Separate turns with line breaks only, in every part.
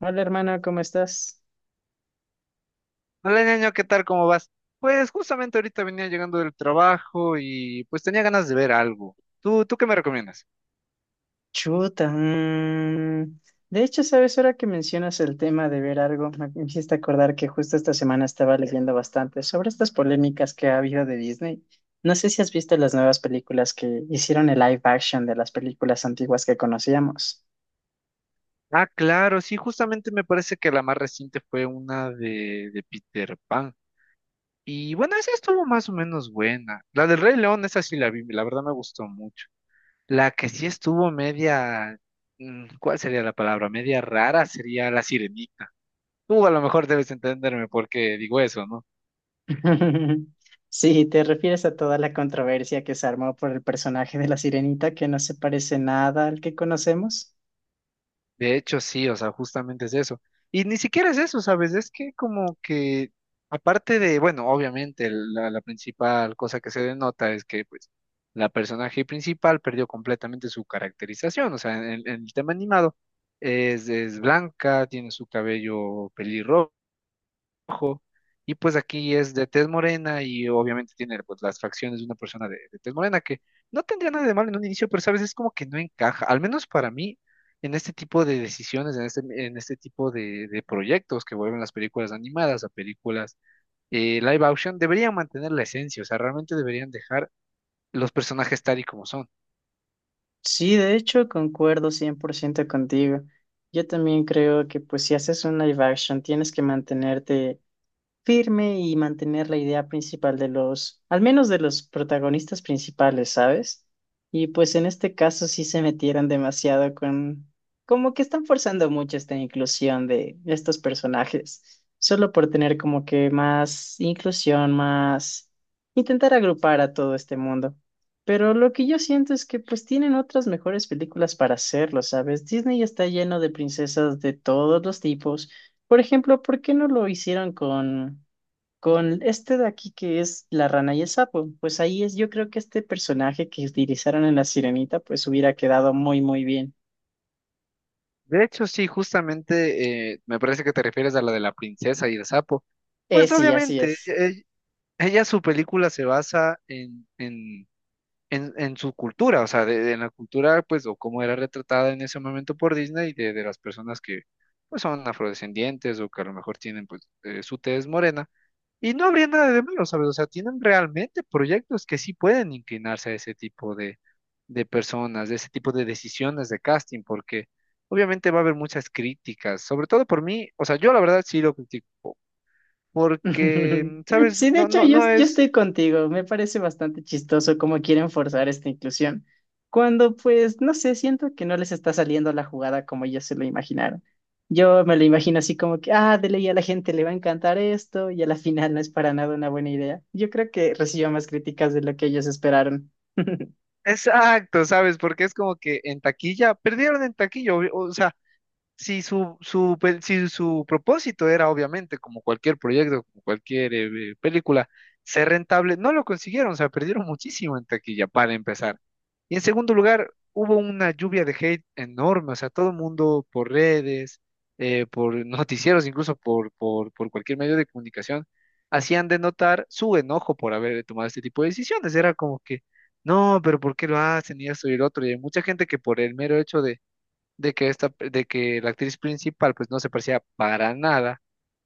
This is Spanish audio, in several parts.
Hola hermana, ¿cómo estás?
Hola, ñaño, ¿qué tal? ¿Cómo vas? Pues justamente ahorita venía llegando del trabajo y pues tenía ganas de ver algo. ¿Tú qué me recomiendas?
Chuta. Mm. De hecho, sabes, ahora que mencionas el tema de ver algo, me hiciste acordar que justo esta semana estaba leyendo bastante sobre estas polémicas que ha habido de Disney. No sé si has visto las nuevas películas que hicieron el live action de las películas antiguas que conocíamos.
Ah, claro, sí, justamente me parece que la más reciente fue una de Peter Pan. Y bueno, esa estuvo más o menos buena. La del Rey León, esa sí la vi, la verdad me gustó mucho. La que sí estuvo media, ¿cuál sería la palabra? Media rara sería La Sirenita. Tú a lo mejor debes entenderme por qué digo eso, ¿no?
Sí, te refieres a toda la controversia que se armó por el personaje de la Sirenita que no se parece nada al que conocemos.
De hecho, sí, o sea, justamente es eso. Y ni siquiera es eso, ¿sabes? Es que como que, aparte de, bueno, obviamente la principal cosa que se denota es que, pues, la personaje principal perdió completamente su caracterización, o sea, en el tema animado es blanca, tiene su cabello pelirrojo rojo, y pues aquí es de tez morena y obviamente tiene pues las facciones de una persona de tez morena que no tendría nada de malo en un inicio, pero sabes, es como que no encaja, al menos para mí, en este tipo de decisiones, en este tipo de proyectos que vuelven las películas animadas a películas live action, deberían mantener la esencia, o sea, realmente deberían dejar los personajes tal y como son.
Sí, de hecho, concuerdo 100% contigo. Yo también creo que pues si haces un live action tienes que mantenerte firme y mantener la idea principal de los, al menos de los protagonistas principales, ¿sabes? Y pues en este caso sí se metieron demasiado con, como que están forzando mucho esta inclusión de estos personajes, solo por tener como que más inclusión, más intentar agrupar a todo este mundo. Pero lo que yo siento es que pues tienen otras mejores películas para hacerlo, ¿sabes? Disney está lleno de princesas de todos los tipos. Por ejemplo, ¿por qué no lo hicieron con este de aquí que es la rana y el sapo, pues ahí es, yo creo que este personaje que utilizaron en La Sirenita, pues hubiera quedado muy, muy bien.
De hecho, sí, justamente me parece que te refieres a la de la princesa y el sapo. Pues
Sí, así
obviamente,
es.
ella, su película se basa en su cultura, o sea, la cultura, pues, o cómo era retratada en ese momento por Disney, de las personas que, pues, son afrodescendientes o que a lo mejor tienen, pues, su tez morena. Y no habría nada de malo, ¿sabes? O sea, tienen realmente proyectos que sí pueden inclinarse a ese tipo de personas, de ese tipo de decisiones de casting, porque obviamente va a haber muchas críticas, sobre todo por mí, o sea, yo la verdad sí lo critico, porque, ¿sabes?
Sí, de
No,
hecho,
no,
yo,
no
yo
es...
estoy contigo. Me parece bastante chistoso cómo quieren forzar esta inclusión. Cuando, pues, no sé, siento que no les está saliendo la jugada como ellos se lo imaginaron. Yo me lo imagino así como que, ah, de ley a la gente le va a encantar esto y a la final no es para nada una buena idea. Yo creo que recibió más críticas de lo que ellos esperaron.
Exacto, ¿sabes? Porque es como que en taquilla, perdieron en taquilla, obvio, o sea, si si su propósito era, obviamente, como cualquier proyecto, como cualquier película, ser rentable, no lo consiguieron, o sea, perdieron muchísimo en taquilla para empezar. Y en segundo lugar, hubo una lluvia de hate enorme, o sea, todo el mundo por redes, por noticieros, incluso por cualquier medio de comunicación, hacían de notar su enojo por haber tomado este tipo de decisiones. Era como que, no, pero ¿por qué lo hacen? Y esto y el otro. Y hay mucha gente que por el mero hecho de que esta, de que la actriz principal pues no se parecía para nada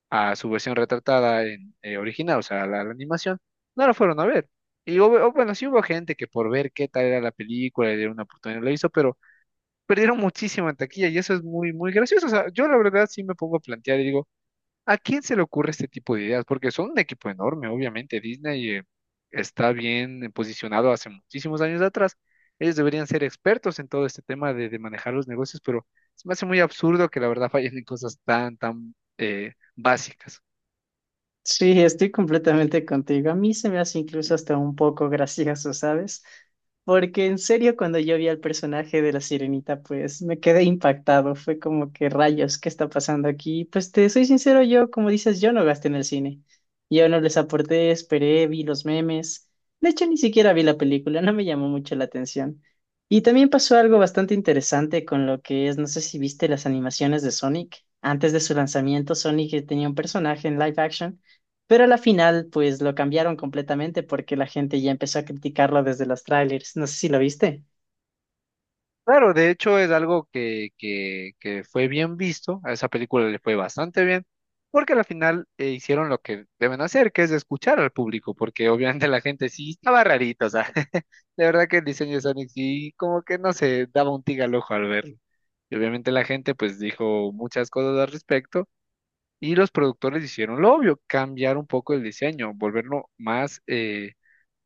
a su versión retratada en original, o sea, la animación, no la fueron a ver. Y hubo- o bueno, sí hubo gente que por ver qué tal era la película, le dieron una oportunidad, lo hizo, pero perdieron muchísimo en taquilla y eso es muy, muy gracioso. O sea, yo la verdad sí me pongo a plantear y digo, ¿a quién se le ocurre este tipo de ideas? Porque son un equipo enorme, obviamente. Disney está bien posicionado hace muchísimos años atrás. Ellos deberían ser expertos en todo este tema de manejar los negocios, pero se me hace muy absurdo que la verdad fallen en cosas tan, tan básicas.
Sí, estoy completamente contigo. A mí se me hace incluso hasta un poco gracioso, ¿sabes? Porque en serio, cuando yo vi al personaje de la sirenita, pues me quedé impactado. Fue como que rayos, ¿qué está pasando aquí? Pues te soy sincero, yo, como dices, yo no gasté en el cine. Yo no les aporté, esperé, vi los memes. De hecho, ni siquiera vi la película, no me llamó mucho la atención. Y también pasó algo bastante interesante con lo que es, no sé si viste las animaciones de Sonic. Antes de su lanzamiento, Sonic tenía un personaje en live action pero a la final, pues lo cambiaron completamente porque la gente ya empezó a criticarlo desde los trailers. No sé si lo viste.
Claro, de hecho es algo que fue bien visto, a esa película le fue bastante bien, porque al final hicieron lo que deben hacer, que es escuchar al público, porque obviamente la gente sí estaba rarito, o sea, de verdad que el diseño de Sonic sí como que no se daba un tig al ojo al verlo. Y obviamente la gente pues dijo muchas cosas al respecto y los productores hicieron lo obvio, cambiar un poco el diseño, volverlo más...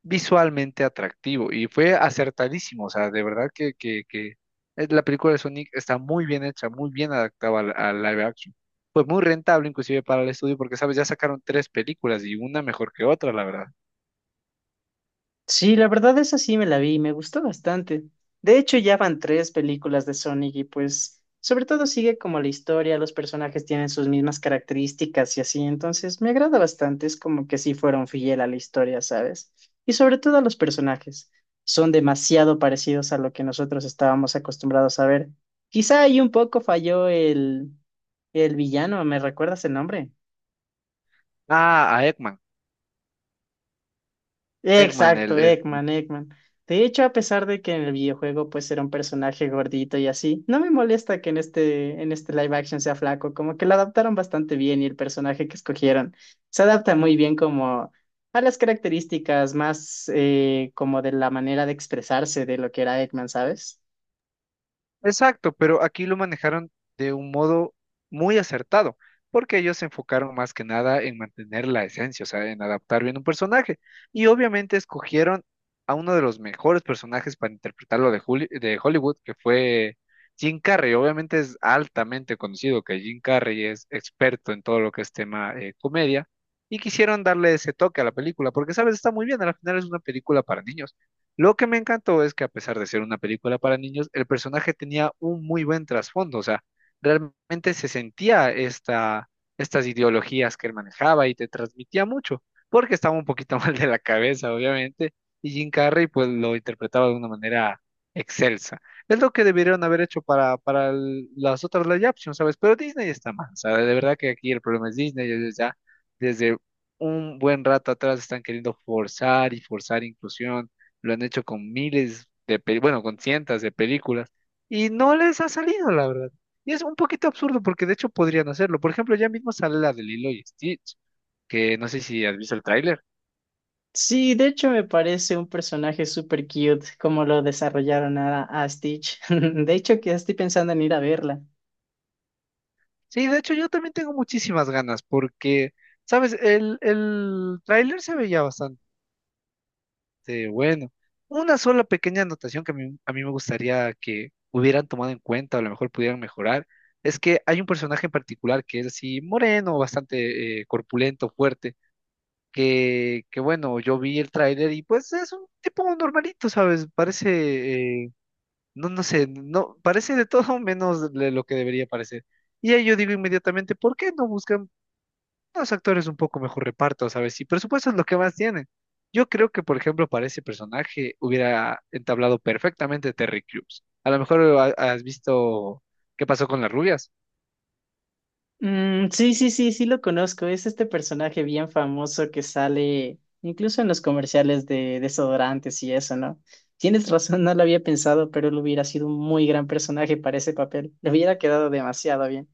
visualmente atractivo y fue acertadísimo, o sea, de verdad que la película de Sonic está muy bien hecha, muy bien adaptada al live action. Fue muy rentable inclusive para el estudio porque, sabes, ya sacaron tres películas y una mejor que otra, la verdad.
Sí, la verdad esa sí me la vi y me gustó bastante. De hecho, ya van tres películas de Sonic y pues sobre todo sigue como la historia, los personajes tienen sus mismas características y así, entonces me agrada bastante, es como que sí fueron fiel a la historia, ¿sabes? Y sobre todo a los personajes, son demasiado parecidos a lo que nosotros estábamos acostumbrados a ver. Quizá ahí un poco falló el villano, ¿me recuerdas el nombre?
Ah, a Eggman, Eggman,
Exacto, Eggman, Eggman. De hecho, a pesar de que en el videojuego pues era un personaje gordito y así, no me molesta que en este live action sea flaco, como que lo adaptaron bastante bien y el personaje que escogieron se adapta muy bien como a las características más como de la manera de expresarse de lo que era Eggman, ¿sabes?
exacto, pero aquí lo manejaron de un modo muy acertado, porque ellos se enfocaron más que nada en mantener la esencia, o sea, en adaptar bien un personaje. Y obviamente escogieron a uno de los mejores personajes para interpretarlo de Hollywood, que fue Jim Carrey. Obviamente es altamente conocido que Jim Carrey es experto en todo lo que es tema comedia, y quisieron darle ese toque a la película, porque, sabes, está muy bien, al final es una película para niños. Lo que me encantó es que a pesar de ser una película para niños, el personaje tenía un muy buen trasfondo, o sea, realmente se sentía estas ideologías que él manejaba y te transmitía mucho, porque estaba un poquito mal de la cabeza, obviamente, y Jim Carrey pues lo interpretaba de una manera excelsa. Es lo que debieron haber hecho para, las otras live action, ¿sabes? Pero Disney está mal, ¿sabes? De verdad que aquí el problema es Disney, ellos ya desde un buen rato atrás están queriendo forzar y forzar inclusión, lo han hecho con miles bueno, con cientos de películas y no les ha salido, la verdad. Y es un poquito absurdo porque de hecho podrían hacerlo. Por ejemplo, ya mismo sale la de Lilo y Stitch, que no sé si has visto el tráiler.
Sí, de hecho me parece un personaje súper cute como lo desarrollaron a Stitch. De hecho, que estoy pensando en ir a verla.
Sí, de hecho yo también tengo muchísimas ganas porque, sabes, el tráiler se veía bastante bueno. Una sola pequeña anotación que a mí me gustaría que hubieran tomado en cuenta o a lo mejor pudieran mejorar. Es que hay un personaje en particular que es así moreno, bastante corpulento, fuerte, que bueno, yo vi el tráiler y pues es un tipo normalito, ¿sabes? Parece, no sé, no, parece de todo menos de lo que debería parecer. Y ahí yo digo inmediatamente, ¿por qué no buscan unos actores un poco mejor reparto, ¿sabes? Y presupuesto es lo que más tienen. Yo creo que, por ejemplo, para ese personaje hubiera entablado perfectamente Terry Crews. A lo mejor has visto qué pasó con las rubias.
Mm, sí, sí, sí, sí lo conozco. Es este personaje bien famoso que sale incluso en los comerciales de desodorantes y eso, ¿no? Tienes razón, no lo había pensado, pero él hubiera sido un muy gran personaje para ese papel. Le hubiera quedado demasiado bien.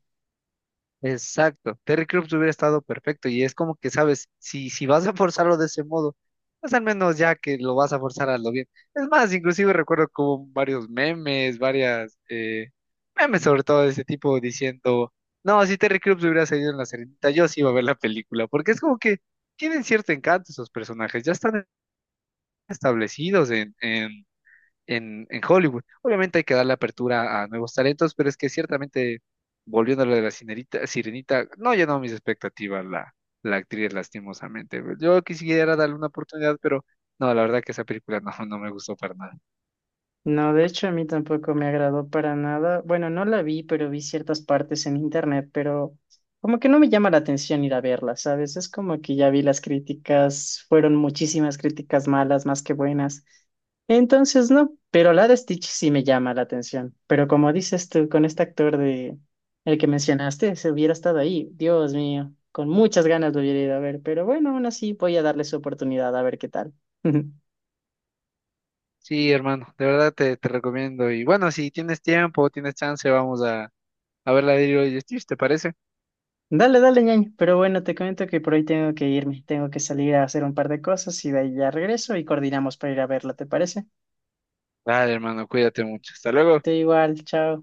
Exacto, Terry Crews hubiera estado perfecto y es como que, sabes, si vas a forzarlo de ese modo, pues al menos ya que lo vas a forzar a lo bien. Es más, inclusive recuerdo como varios memes, varias memes sobre todo de ese tipo diciendo, no, si Terry Crews hubiera salido en la serenita, yo sí iba a ver la película, porque es como que tienen cierto encanto esos personajes, ya están establecidos en Hollywood. Obviamente hay que darle apertura a nuevos talentos, pero es que ciertamente, volviendo a lo de sirenita, no llenó mis expectativas la actriz, lastimosamente. Yo quisiera darle una oportunidad, pero no, la verdad que esa película no, no me gustó para nada.
No, de hecho a mí tampoco me agradó para nada. Bueno, no la vi, pero vi ciertas partes en internet, pero como que no me llama la atención ir a verla, ¿sabes? Es como que ya vi las críticas, fueron muchísimas críticas malas más que buenas. Entonces, no, pero la de Stitch sí me llama la atención. Pero como dices tú, con este actor de el que mencionaste, se hubiera estado ahí, Dios mío, con muchas ganas lo hubiera ido a ver, pero bueno, aún así voy a darle su oportunidad a ver qué tal.
Sí, hermano, de verdad te recomiendo. Y bueno, si tienes tiempo, tienes chance, a ver la de Lilo y Stitch, ¿te parece?
Dale, dale, ñaño. Pero bueno, te comento que por hoy tengo que irme. Tengo que salir a hacer un par de cosas y de ahí ya regreso y coordinamos para ir a verla, ¿te parece?
Vale, hermano, cuídate mucho. Hasta luego.
Te igual, chao.